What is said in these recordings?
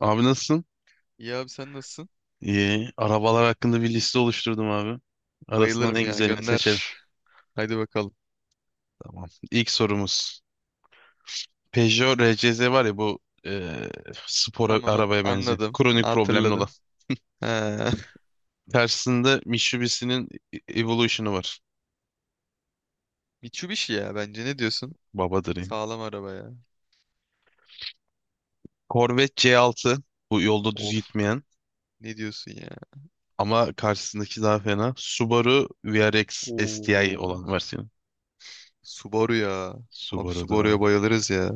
Abi nasılsın? İyi abi sen nasılsın? İyi. Arabalar hakkında bir liste oluşturdum abi. Arasından Bayılırım en ya güzelini seçelim. gönder. Haydi bakalım. Tamam. İlk sorumuz. Peugeot RCZ var ya bu e, spor Tamam arabaya benzeyen. anladım. Kronik problemli olan. Hatırladım. He. Tersinde Mitsubishi'nin Evolution'u var. Mitsubishi ya bence ne diyorsun? Babadır yani. Sağlam araba ya. Corvette C6. Bu yolda düz Of, gitmeyen. ne diyorsun ya? Ama karşısındaki daha fena. Subaru VRX STI Oo. olan versiyonu. Subaru ya. Abi Subaru'dur Subaru'ya abi. bayılırız ya.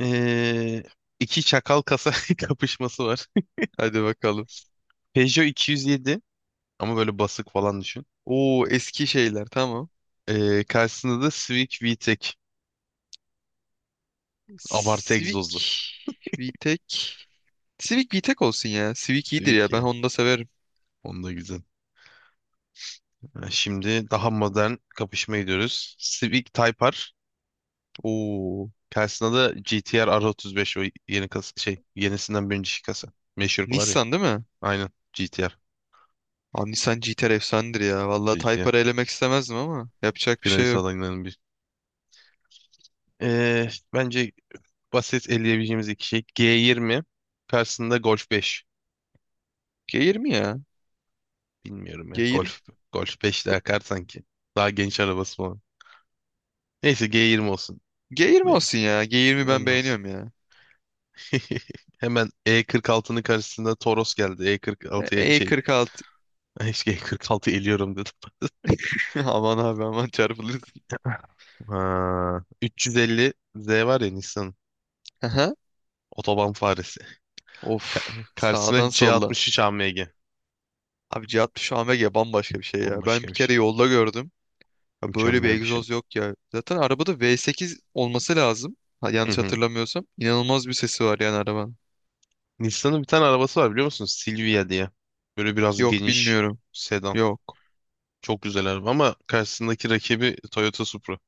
E, iki çakal kasa kapışması var. Hadi bakalım. Peugeot 207. Ama böyle basık falan düşün. Oo, eski şeyler tamam. Karşısında da Civic VTEC. Abartı Civic egzozlu. VTEC. Civic VTEC olsun ya. Civic iyidir Civic ya, ben ya. Honda severim. Onda güzel. Ha, Şimdi daha modern kapışma gidiyoruz. Civic Type R. Oo. Karşısında da GTR, R35. O yeni kas şey yenisinden birinci kasa. Meşhur var ya. Nissan değil mi? Aynen. GTR. Abi Nissan GT-R efsanedir ya. Vallahi GTR. Type-R'ı elemek istemezdim ama yapacak bir şey Finalist yok. adaylarının bir. Bence basit eleyebileceğimiz iki şey. G20. Karşısında Golf 5. G20 ya. Bilmiyorum ya. G20. Golf. Golf 5 de akar sanki. Daha genç arabası falan. Neyse G20 olsun. G20 Yani, olsun ya. G20 ben olmaz. beğeniyorum ya. Hemen E46'nın karşısında Toros geldi. E46'ya şey E46. işte E46 eliyorum dedim. Aman abi aman çarpılırsın. Ha, 350 Z var ya Nissan, Aha. otoban faresi. Of. Sağdan Karşısına soldan. C63 AMG. Abi C60 AMG bambaşka bir şey ya. Ben Bambaşka bir bir kere şey. yolda gördüm. Ya böyle bir Mükemmel bir şey. egzoz yok ya. Zaten arabada V8 olması lazım. Ha, Hı yanlış hı. hatırlamıyorsam. İnanılmaz bir sesi var yani arabanın. Nissan'ın bir tane arabası var biliyor musun? Silvia diye. Böyle biraz Yok, geniş bilmiyorum. sedan. Yok. Çok güzel araba ama karşısındaki rakibi Toyota Supra.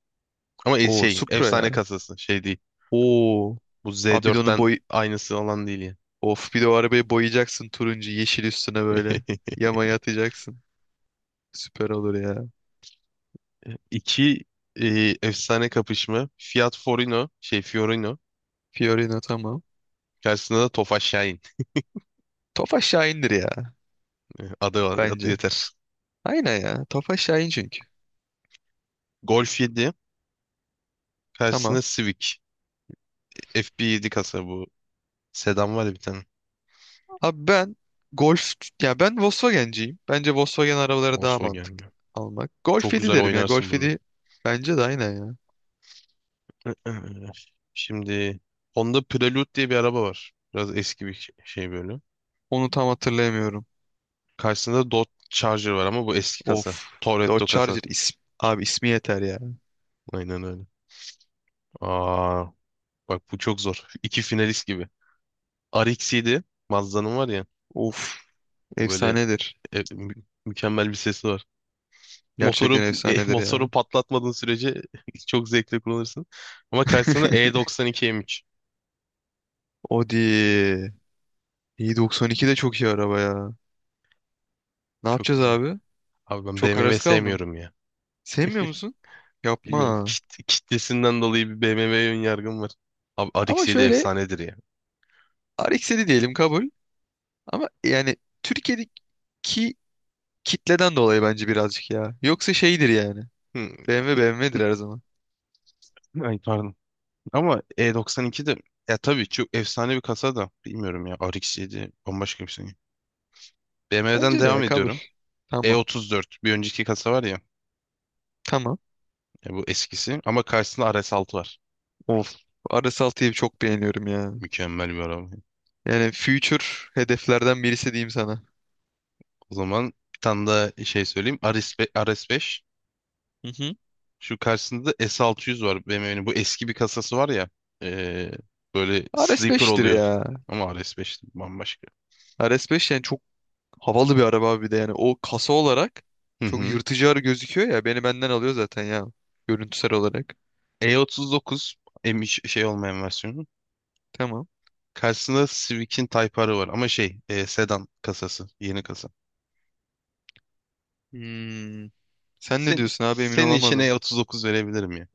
Ama O Supra efsane ya. kasası şey değil. Oo. Bu Abi bir de onun Z4'ten boyu. aynısı olan değil ya. Of, bir de o arabayı boyayacaksın turuncu yeşil üstüne böyle. Yamaya atacaksın. Süper olur ya. İki e, efsane kapışma. Fiat Forino, şey Fiorino. Fiorino tamam. Karşısında da Tofaş Şahin. Tofaş Şahin'dir ya Adı bence. yeter. Aynen ya. Tofaş Şahin çünkü. Golf 7. Karşısında Tamam. Civic. FB7 kasa bu. Sedan var ya bir tane. Abi ben Golf, ya ben Volkswagen'ciyim. Bence Volkswagen arabaları daha Oslo mantıklı gelmiyor. almak. Golf Çok 7 güzel derim ya. oynarsın Golf bununla. 7 bence de aynen ya. Ee, şimdi Honda Prelude diye bir araba var. Biraz eski bir şey böyle. Onu tam hatırlayamıyorum. Karşısında Dodge Charger var ama bu eski kasa. Of. Dodge Toretto kasa. Charger ismi. Abi ismi yeter ya. Aynen öyle. Aa, bak bu çok zor. İki finalist gibi. RX-7, Mazda'nın var ya. Of. O böyle Efsanedir. Mükemmel bir sesi var. Motoru Gerçekten efsanedir ya. motoru patlatmadığın sürece çok zevkli kullanırsın. Ama karşısında E92 M3. Audi. İyi, 92 de çok iyi araba ya. Ne Çok yapacağız güzel. abi? Abi ben Çok BMW arası kaldım. sevmiyorum ya. Sevmiyor musun? Bilmiyorum, Yapma. Kitlesinden dolayı bir BMW'ye ön yargım var. Abi Ama RX-7 şöyle efsanedir ya. RX-7 diyelim, kabul. Ama yani Türkiye'deki kitleden dolayı bence birazcık ya. Yoksa şeydir yani. Hı, BMW BMW'dir her zaman. Ay pardon. Ama E92 de, ya tabii çok efsane bir kasa da, bilmiyorum ya, RX7 bambaşka bir şey. BMW'den Bence de ya, devam kabul. ediyorum. Tamam. E34 bir önceki kasa var ya, Tamam. ya bu eskisi ama karşısında RS6 var. Of. R S altıyı çok beğeniyorum ya. Mükemmel bir araba. Yani future hedeflerden birisi diyeyim sana. O zaman bir tane daha şey söyleyeyim. RS5, RS5. Hı hı. Şu karşısında da S600 var BMW'nin. Bu eski bir kasası var ya. ee, böyle sleeper RS5'tir oluyor. ya. Ama RS5 bambaşka. R S beş yani çok havalı bir araba abi bir de yani. O kasa olarak Hı çok hı. yırtıcı arı gözüküyor ya. Beni benden alıyor zaten ya. Görüntüsel olarak. E39, olmayan versiyonu. Tamam. Karşısında Civic'in Type R'ı var ama sedan kasası, yeni kasa. Hmm. Sen ne Sen, diyorsun abi, emin senin için olamadım. E39 verebilirim ya.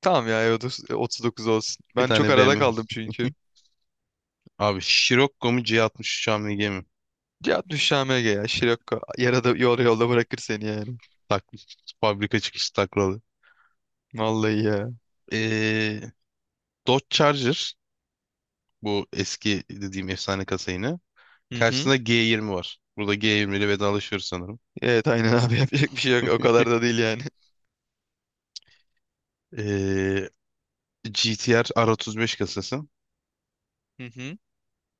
Tamam ya, E30 39 olsun. Bir Ben çok tane arada BMW. kaldım çünkü. Abi Scirocco mu C63 AMG mi? Ya düş ya. Şirokko. Yarada, yolda bırakır seni yani. Tak, fabrika çıkışı taklalı. Vallahi ya. E, Dodge Charger, bu eski dediğim efsane kasa yine. Hı hı. Karşısında G20 var. Burada G20 ile vedalaşıyoruz sanırım. Evet aynen abi yapacak bir şey yok. O kadar da değil yani. E, GTR R35 kasası. Hı hı.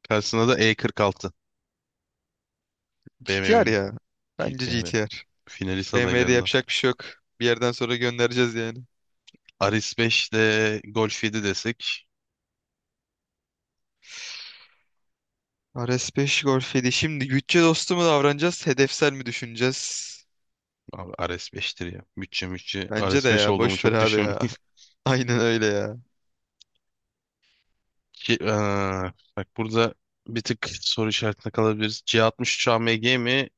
Karşısında da E46, GTR BMW'nin ya. Bence GTR'i. GTR. Finalist BMW'de adaylarından. yapacak bir şey yok. Bir yerden sonra göndereceğiz yani. Aris 5 ile Golf 7 desek. RS5 Golf 7. Şimdi bütçe dostu mu davranacağız, hedefsel mi düşüneceğiz? Abi Ares 5'tir ya. Bütçe mütçe. Bence de Ares 5 ya. olduğumu Boş ver çok abi düşün. ya. Aynen öyle ya. Ki, eee, bak burada bir tık soru işaretine kalabiliriz. C63 AMG mi?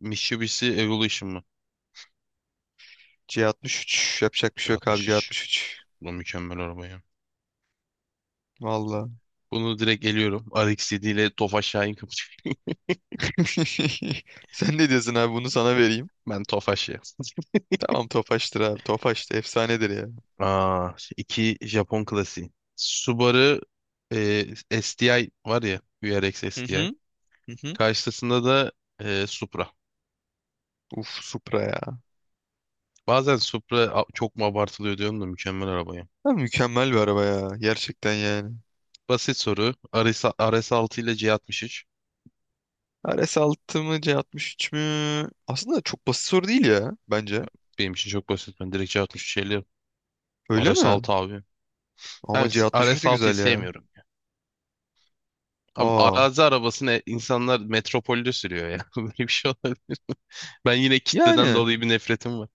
Mitsubishi Evolution mı? C63, yapacak bir şey yok abi, C63. C63. Bu mükemmel araba ya. Valla. Bunu direkt eliyorum. RX-7 ile Tofaş Şahin kapışıyor. Sen ne diyorsun abi, bunu sana vereyim. Ben Tofaş ya. Tamam, Tofaş'tır abi. Tofaş da efsanedir ya. Aa, iki Japon klasiği. Subaru eee, STI var ya. VRX Hı STI. hı. Hı hı. Karşısında da Supra. Uf Supra ya. Bazen Supra çok mu abartılıyor diyorum, da mükemmel arabaya. Ha, mükemmel bir araba ya. Gerçekten yani. Basit soru. RS6 ile C63. RS6 mı C63 mü? Aslında çok basit soru değil ya bence. Benim için çok basit. Ben direkt C63 Öyle mi? RS6 abi. Ben Ama C63 de RS6'yı güzel ya. sevmiyorum. Abi Aa. arazi arabasını insanlar metropolde sürüyor ya. Böyle bir şey olabilir. Ben yine kitleden Yani dolayı bir nefretim var.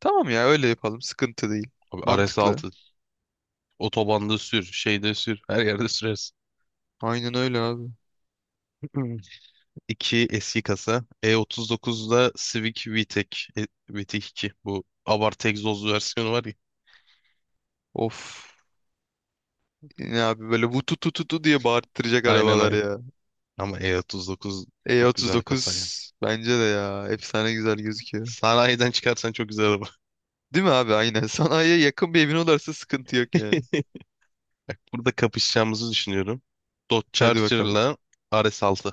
tamam ya, öyle yapalım. Sıkıntı değil. Abi Mantıklı. RS6, otobanda sür, şeyde sür, her yerde sürersin. Aynen öyle abi. İki eski kasa. E39'da Civic VTEC, VTEC 2. Bu abartı egzozlu versiyonu var ya. Of. Ne abi böyle vutu tu tu tu diye bağırttıracak Aynen arabalar aynen. ya. Ama E39 çok güzel kasa yani. E39 bence de ya. Efsane güzel gözüküyor. Sanayiden çıkarsan çok güzel araba. Değil mi abi? Aynen. Sanayiye yakın bir evin olursa sıkıntı yok yani. Bak burada kapışacağımızı düşünüyorum. Dodge Hadi bakalım. Charger'la 6.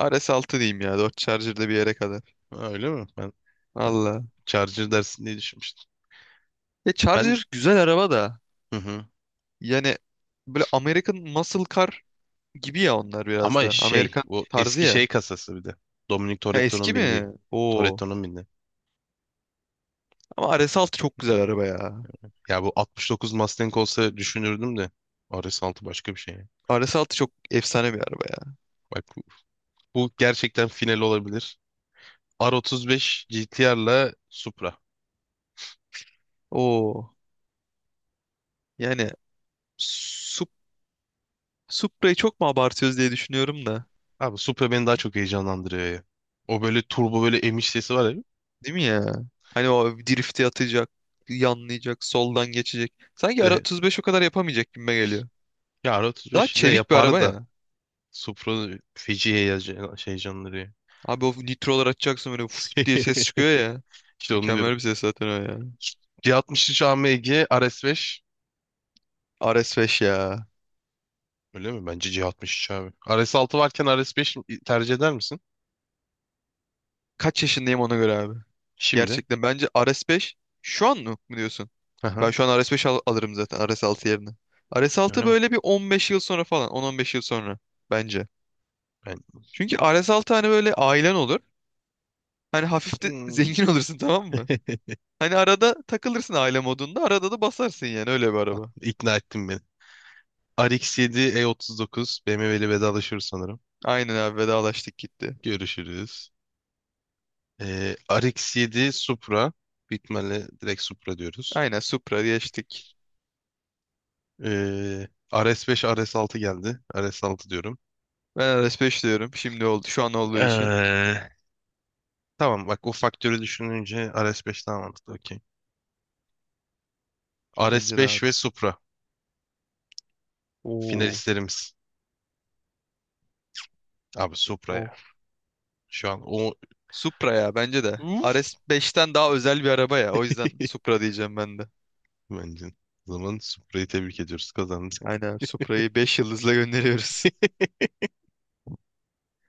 RS altı diyeyim ya. Dodge Charger'da bir yere kadar. Ha, öyle mi? Ben Valla. Charger dersin diye düşünmüştüm. E Ben Charger güzel araba da. hı hı. Yani böyle American Muscle Car gibi ya onlar biraz Ama da. Amerikan o tarzı eski ya. kasası bir de. Dominic Ha, eski Toretto'nun mi? bindiği. Oo. Toretto'nun bindiği. Ama RS6 çok güzel araba ya. Ya bu 69 Mustang olsa düşünürdüm de, RS6 başka bir şey. RS altı çok efsane bir araba ya. Bak bu gerçekten final olabilir. R35 GTR'la Supra. Oo. Yani Sup Supra'yı çok mu abartıyoruz diye düşünüyorum da. Abi Supra beni daha çok heyecanlandırıyor ya. O böyle turbo, böyle emiş sesi var ya. Değil mi ya? Hani o drifti atacak, yanlayacak, soldan geçecek. Sanki ara de 35 o kadar yapamayacak gibime geliyor. Ya Daha R35 de çevik bir yapar araba da, ya. Supra feci heyecan- şey heyecanlandırıyor. Abi o nitrolar açacaksın böyle fıs diye ses çıkıyor ya. İşte onu diyorum. Mükemmel bir ses zaten o ya. C63 AMG, RS5, RS5 ya. öyle mi? Bence C63 abi. RS6 varken RS5 tercih eder misin? Kaç yaşındayım ona göre abi. Şimdi. Gerçekten bence Ares 5 şu an mı diyorsun? Ben Aha, şu an Ares 5 alırım zaten Ares 6 yerine. Ares öyle 6 mi? böyle bir 15 yıl sonra falan 10-15 yıl sonra bence. Ben... Çünkü Ares 6 hani böyle ailen olur. Hani hafif de Hmm. zengin olursun, tamam mı? Hani arada takılırsın aile modunda, arada da basarsın yani, öyle bir Tamam, araba. İkna ettin beni. RX7, E39 BMW'li vedalaşıyoruz sanırım. Aynen abi, vedalaştık gitti. Görüşürüz. RX-7, Supra, bitmeli, direkt Supra diyoruz. Aynen Supra geçtik. Ee, RS5, RS6 geldi. RS6 diyorum. Ben Ares 5 diyorum, şimdi oldu şu an olduğu için. Ee, tamam bak, o faktörü düşününce RS5 daha mantıklı. Okey. Bence de RS5 abi. ve Supra finalistlerimiz. Abi Supra Oo. ya. Şu an o Supra ya bence de. RS beşten daha özel bir araba ya. O yüzden Supra diyeceğim ben de. bence. O zaman Supra'yı tebrik ediyoruz, kazandı. Aynen abi, Supra'yı 5 yıldızla gönderiyoruz.